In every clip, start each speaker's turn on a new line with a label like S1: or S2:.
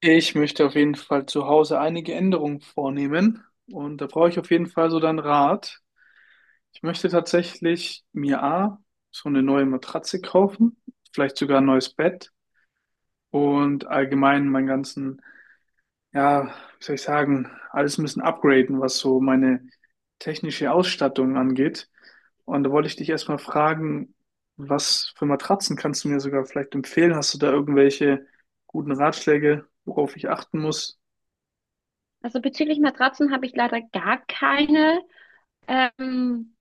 S1: Ich möchte auf jeden Fall zu Hause einige Änderungen vornehmen und da brauche ich auf jeden Fall so deinen Rat. Ich möchte tatsächlich mir so eine neue Matratze kaufen, vielleicht sogar ein neues Bett und allgemein meinen ganzen, ja, wie soll ich sagen, alles ein bisschen upgraden, was so meine technische Ausstattung angeht. Und da wollte ich dich erstmal fragen, was für Matratzen kannst du mir sogar vielleicht empfehlen? Hast du da irgendwelche guten Ratschläge, worauf ich achten muss?
S2: Also bezüglich Matratzen habe ich leider gar keine ähm,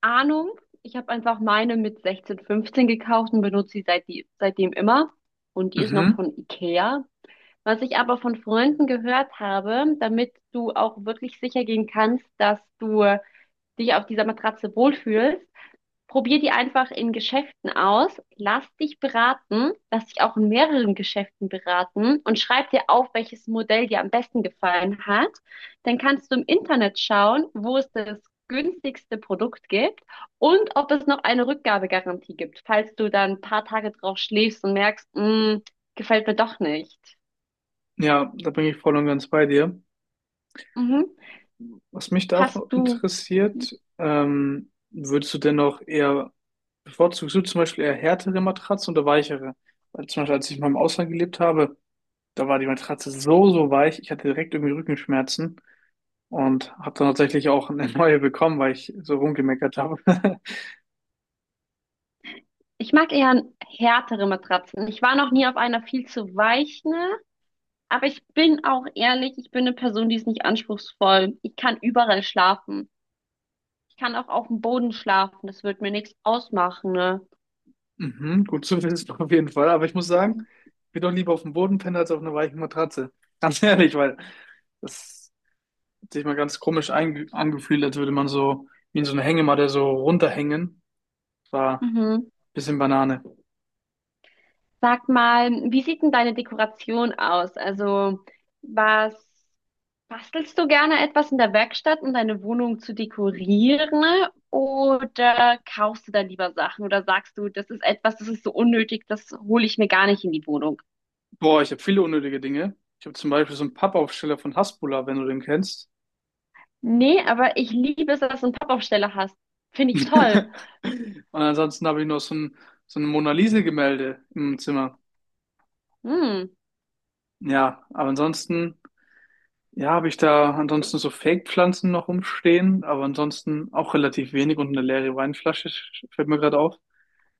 S2: Ahnung. Ich habe einfach meine mit 16, 15 gekauft und benutze sie seitdem immer. Und die ist noch
S1: Mhm.
S2: von Ikea. Was ich aber von Freunden gehört habe: Damit du auch wirklich sicher gehen kannst, dass du dich auf dieser Matratze wohlfühlst, probier die einfach in Geschäften aus, lass dich beraten, lass dich auch in mehreren Geschäften beraten und schreib dir auf, welches Modell dir am besten gefallen hat. Dann kannst du im Internet schauen, wo es das günstigste Produkt gibt und ob es noch eine Rückgabegarantie gibt, falls du dann ein paar Tage drauf schläfst und merkst: "Mm, gefällt mir doch nicht."
S1: Ja, da bin ich voll und ganz bei dir.
S2: Mhm.
S1: Was mich da
S2: Hast
S1: auch
S2: du,
S1: interessiert, würdest du denn auch eher, bevorzugst du zum Beispiel eher härtere Matratzen oder weichere? Weil zum Beispiel, als ich mal im Ausland gelebt habe, da war die Matratze so, so weich, ich hatte direkt irgendwie Rückenschmerzen und habe dann tatsächlich auch eine neue bekommen, weil ich so rumgemeckert habe.
S2: ich mag eher härtere Matratzen. Ich war noch nie auf einer viel zu weichen. Aber ich bin auch ehrlich, ich bin eine Person, die ist nicht anspruchsvoll. Ich kann überall schlafen. Ich kann auch auf dem Boden schlafen. Das wird mir nichts ausmachen, ne?
S1: Mhm, gut zu wissen auf jeden Fall, aber ich muss sagen, ich bin doch lieber auf dem Boden pennen als auf einer weichen Matratze. Ganz ehrlich, weil das sich mal ganz komisch angefühlt, als würde man so wie in so einer Hängematte so runterhängen. War ein
S2: Mhm.
S1: bisschen Banane.
S2: Sag mal, wie sieht denn deine Dekoration aus? Also, was, bastelst du gerne etwas in der Werkstatt, um deine Wohnung zu dekorieren? Oder kaufst du da lieber Sachen? Oder sagst du, das ist etwas, das ist so unnötig, das hole ich mir gar nicht in die Wohnung?
S1: Boah, ich habe viele unnötige Dinge. Ich habe zum Beispiel so einen Pappaufsteller von Hasbulla, wenn du den kennst.
S2: Nee, aber ich liebe es, dass du einen Pappaufsteller hast. Finde ich toll.
S1: Und ansonsten habe ich noch so ein Mona Lisa-Gemälde im Zimmer.
S2: Hm.
S1: Ja, aber ansonsten, ja, habe ich da ansonsten so Fake-Pflanzen noch rumstehen, aber ansonsten auch relativ wenig und eine leere Weinflasche, fällt mir gerade auf.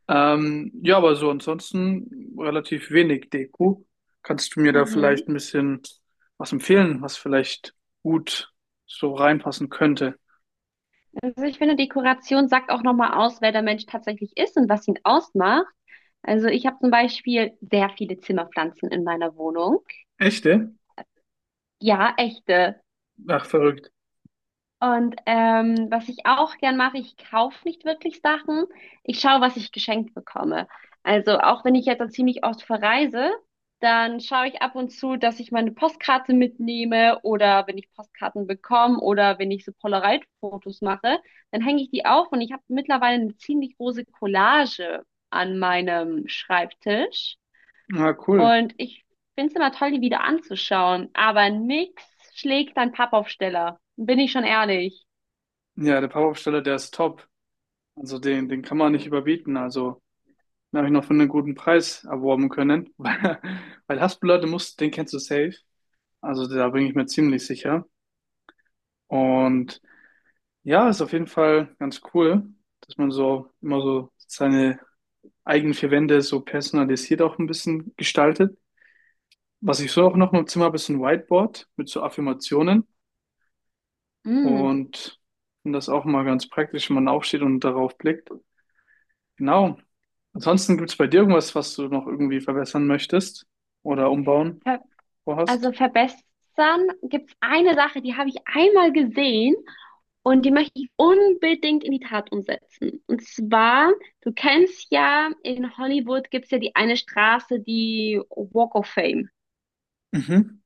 S1: Ja, aber so ansonsten relativ wenig Deko. Kannst du mir da vielleicht
S2: Mhm.
S1: ein bisschen was empfehlen, was vielleicht gut so reinpassen könnte?
S2: Also ich finde, Dekoration sagt auch nochmal aus, wer der Mensch tatsächlich ist und was ihn ausmacht. Also ich habe zum Beispiel sehr viele Zimmerpflanzen in meiner Wohnung.
S1: Echte?
S2: Ja, echte.
S1: Ach, verrückt.
S2: Und was ich auch gern mache, ich kaufe nicht wirklich Sachen. Ich schaue, was ich geschenkt bekomme. Also auch wenn ich jetzt dann ziemlich oft verreise, dann schaue ich ab und zu, dass ich meine Postkarte mitnehme oder wenn ich Postkarten bekomme oder wenn ich so Polaroid-Fotos mache, dann hänge ich die auf und ich habe mittlerweile eine ziemlich große Collage an meinem Schreibtisch.
S1: Ah, cool.
S2: Und ich finde es immer toll, die wieder anzuschauen. Aber nix schlägt ein Pappaufsteller. Bin ich schon ehrlich.
S1: Ja, der Pappaufsteller, der ist top. Also den, den kann man nicht überbieten. Also den habe ich noch für einen guten Preis erworben können. Weil, weil Haspel, du musst, den kennst du safe. Also da bin ich mir ziemlich sicher. Und ja, ist auf jeden Fall ganz cool, dass man so immer so seine eigenen vier Wände so personalisiert auch ein bisschen gestaltet. Was ich so auch noch im Zimmer habe, ist ein Whiteboard mit so Affirmationen
S2: Mm.
S1: und finde das auch mal ganz praktisch, wenn man aufsteht und darauf blickt. Genau. Ansonsten gibt es bei dir irgendwas, was du noch irgendwie verbessern möchtest oder umbauen
S2: ver
S1: vorhast?
S2: Also verbessern, gibt's eine Sache, die habe ich einmal gesehen und die möchte ich unbedingt in die Tat umsetzen. Und zwar, du kennst ja, in Hollywood gibt's ja die eine Straße, die Walk of Fame.
S1: Mhm.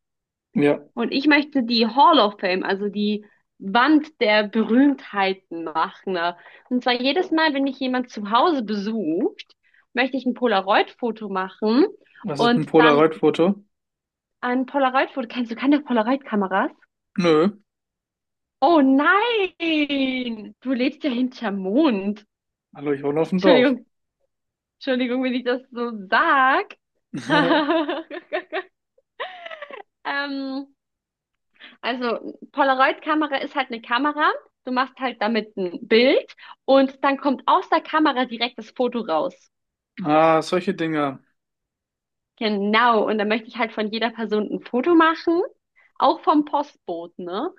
S1: Ja.
S2: Und ich möchte die Hall of Fame, also die Wand der Berühmtheiten machen, ne? Und zwar jedes Mal, wenn mich jemand zu Hause besucht, möchte ich ein Polaroid-Foto machen
S1: Was ist ein dem
S2: und dann
S1: Polaroid-Foto?
S2: ein Polaroid-Foto. Kennst du keine Polaroid-Kameras?
S1: Nö.
S2: Oh nein! Du lebst ja hinterm Mond.
S1: Hallo, ich wohne auf dem Dorf.
S2: Entschuldigung, Entschuldigung, wenn ich das so sag. Ähm, also Polaroid-Kamera ist halt eine Kamera. Du machst halt damit ein Bild und dann kommt aus der Kamera direkt das Foto raus.
S1: Ah, solche Dinge.
S2: Genau, und dann möchte ich halt von jeder Person ein Foto machen, auch vom Postboten, ne?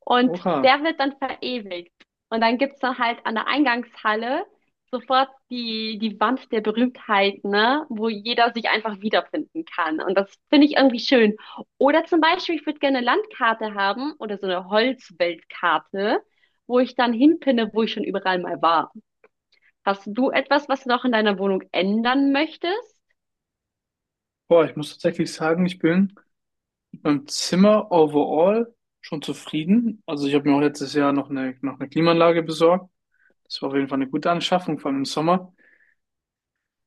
S2: Und
S1: Oha.
S2: der wird dann verewigt. Und dann gibt's dann halt an der Eingangshalle sofort die Wand der Berühmtheit, ne? Wo jeder sich einfach wiederfinden kann. Und das finde ich irgendwie schön. Oder zum Beispiel, ich würde gerne eine Landkarte haben oder so eine Holzweltkarte, wo ich dann hinpinne, wo ich schon überall mal war. Hast du etwas, was du noch in deiner Wohnung ändern möchtest?
S1: Boah, ich muss tatsächlich sagen, ich bin beim Zimmer overall schon zufrieden. Also ich habe mir auch letztes Jahr noch eine Klimaanlage besorgt. Das war auf jeden Fall eine gute Anschaffung, vor allem im Sommer.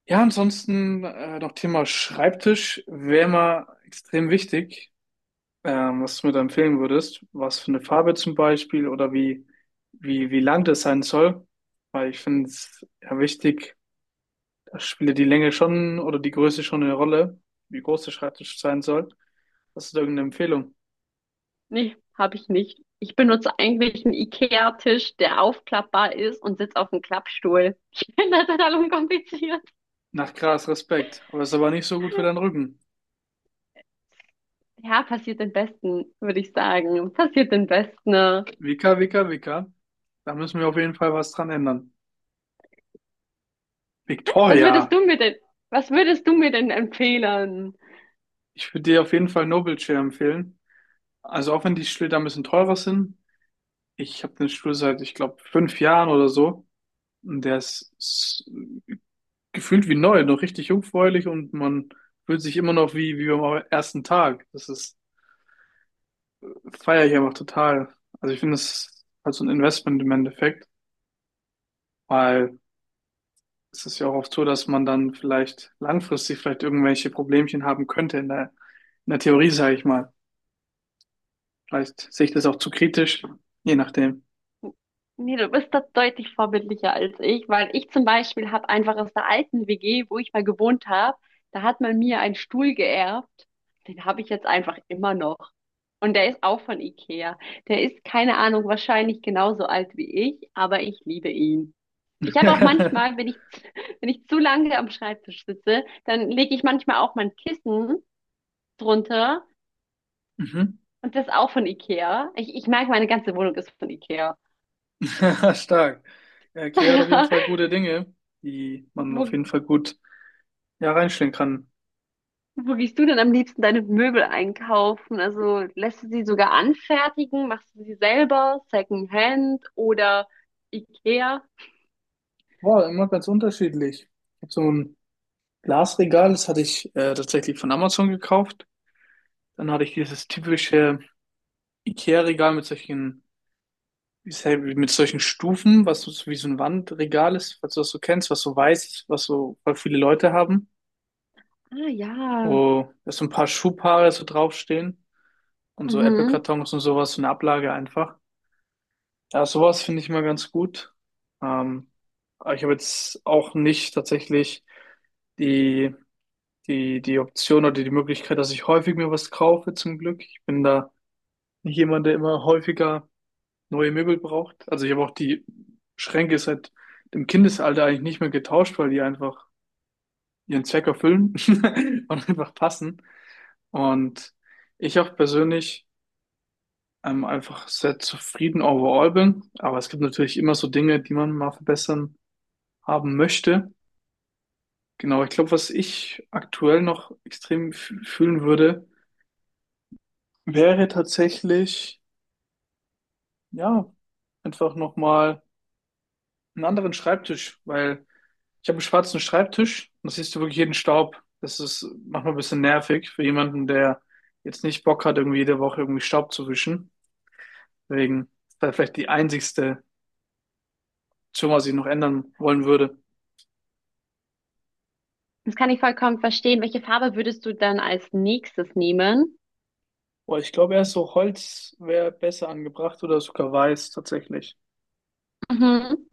S1: Ja, ansonsten noch Thema Schreibtisch wäre mal extrem wichtig, was du mir da empfehlen würdest. Was für eine Farbe zum Beispiel oder wie lang das sein soll. Weil ich finde es ja wichtig, da spielt ja die Länge schon oder die Größe schon eine Rolle, wie groß der Schreibtisch sein soll. Hast du da irgendeine Empfehlung?
S2: Nee, habe ich nicht. Ich benutze eigentlich einen IKEA-Tisch, der aufklappbar ist und sitze auf einem Klappstuhl. Ich finde das total unkompliziert.
S1: Nach krass, Respekt. Aber ist aber nicht so gut für deinen Rücken.
S2: Ja, passiert den Besten, würde ich sagen. Passiert den Besten. Was
S1: Vika, Vika, Vika. Da müssen wir auf jeden Fall was dran ändern.
S2: würdest
S1: Victoria,
S2: du mir denn, was würdest du mir denn empfehlen?
S1: ich würde dir auf jeden Fall Noble Chair empfehlen. Also auch wenn die Stühle da ein bisschen teurer sind. Ich habe den Stuhl seit, ich glaube, 5 Jahren oder so. Und der ist gefühlt wie neu, noch richtig jungfräulich und man fühlt sich immer noch wie am ersten Tag. Feiere ich einfach total. Also ich finde, das ist halt so ein Investment im Endeffekt, weil es ist ja auch oft so, dass man dann vielleicht langfristig vielleicht irgendwelche Problemchen haben könnte in der Theorie, sage ich mal. Vielleicht sehe ich das auch zu kritisch, je nachdem.
S2: Nee, du bist da deutlich vorbildlicher als ich, weil ich zum Beispiel habe einfach aus der alten WG, wo ich mal gewohnt habe, da hat man mir einen Stuhl geerbt. Den habe ich jetzt einfach immer noch. Und der ist auch von Ikea. Der ist, keine Ahnung, wahrscheinlich genauso alt wie ich, aber ich liebe ihn. Ich habe auch manchmal, wenn ich, wenn ich zu lange am Schreibtisch sitze, dann lege ich manchmal auch mein Kissen drunter,
S1: Mhm.
S2: und das ist auch von Ikea. Ich merke, meine ganze Wohnung ist von Ikea.
S1: Stark. Ja, Kia hat auf jeden Fall gute Dinge, die man
S2: Wo
S1: auf jeden Fall gut ja, reinstellen kann.
S2: Wo gehst du denn am liebsten deine Möbel einkaufen? Also lässt du sie sogar anfertigen? Machst du sie selber? Secondhand oder IKEA?
S1: Boah, immer ganz unterschiedlich. Ich habe so ein Glasregal, das hatte ich tatsächlich von Amazon gekauft. Dann hatte ich dieses typische IKEA-Regal mit solchen, wie ist halt mit solchen Stufen, was so wie so ein Wandregal ist, falls du das so kennst, was so weiß ist, was so voll viele Leute haben,
S2: Ah ja,
S1: wo da so ein paar Schuhpaare so draufstehen und so
S2: mhm.
S1: Apple-Kartons und sowas, so eine Ablage einfach. Ja, sowas finde ich mal ganz gut. Ähm, aber ich habe jetzt auch nicht tatsächlich die, die Option oder die Möglichkeit, dass ich häufig mir was kaufe, zum Glück. Ich bin da nicht jemand, der immer häufiger neue Möbel braucht. Also ich habe auch die Schränke seit dem Kindesalter eigentlich nicht mehr getauscht, weil die einfach ihren Zweck erfüllen und einfach passen. Und ich auch persönlich einfach sehr zufrieden overall bin. Aber es gibt natürlich immer so Dinge, die man mal verbessern haben möchte. Genau, ich glaube, was ich aktuell noch extrem fühlen würde, wäre tatsächlich, ja, einfach nochmal einen anderen Schreibtisch, weil ich habe einen schwarzen Schreibtisch und da siehst du wirklich jeden Staub. Das ist manchmal ein bisschen nervig für jemanden, der jetzt nicht Bock hat, irgendwie jede Woche irgendwie Staub zu wischen. Deswegen ist das vielleicht die einzigste Option, was ich noch ändern wollen würde.
S2: Das kann ich vollkommen verstehen. Welche Farbe würdest du dann als nächstes nehmen?
S1: Boah, ich glaube, erst so Holz wäre besser angebracht oder sogar Weiß tatsächlich.
S2: Mhm.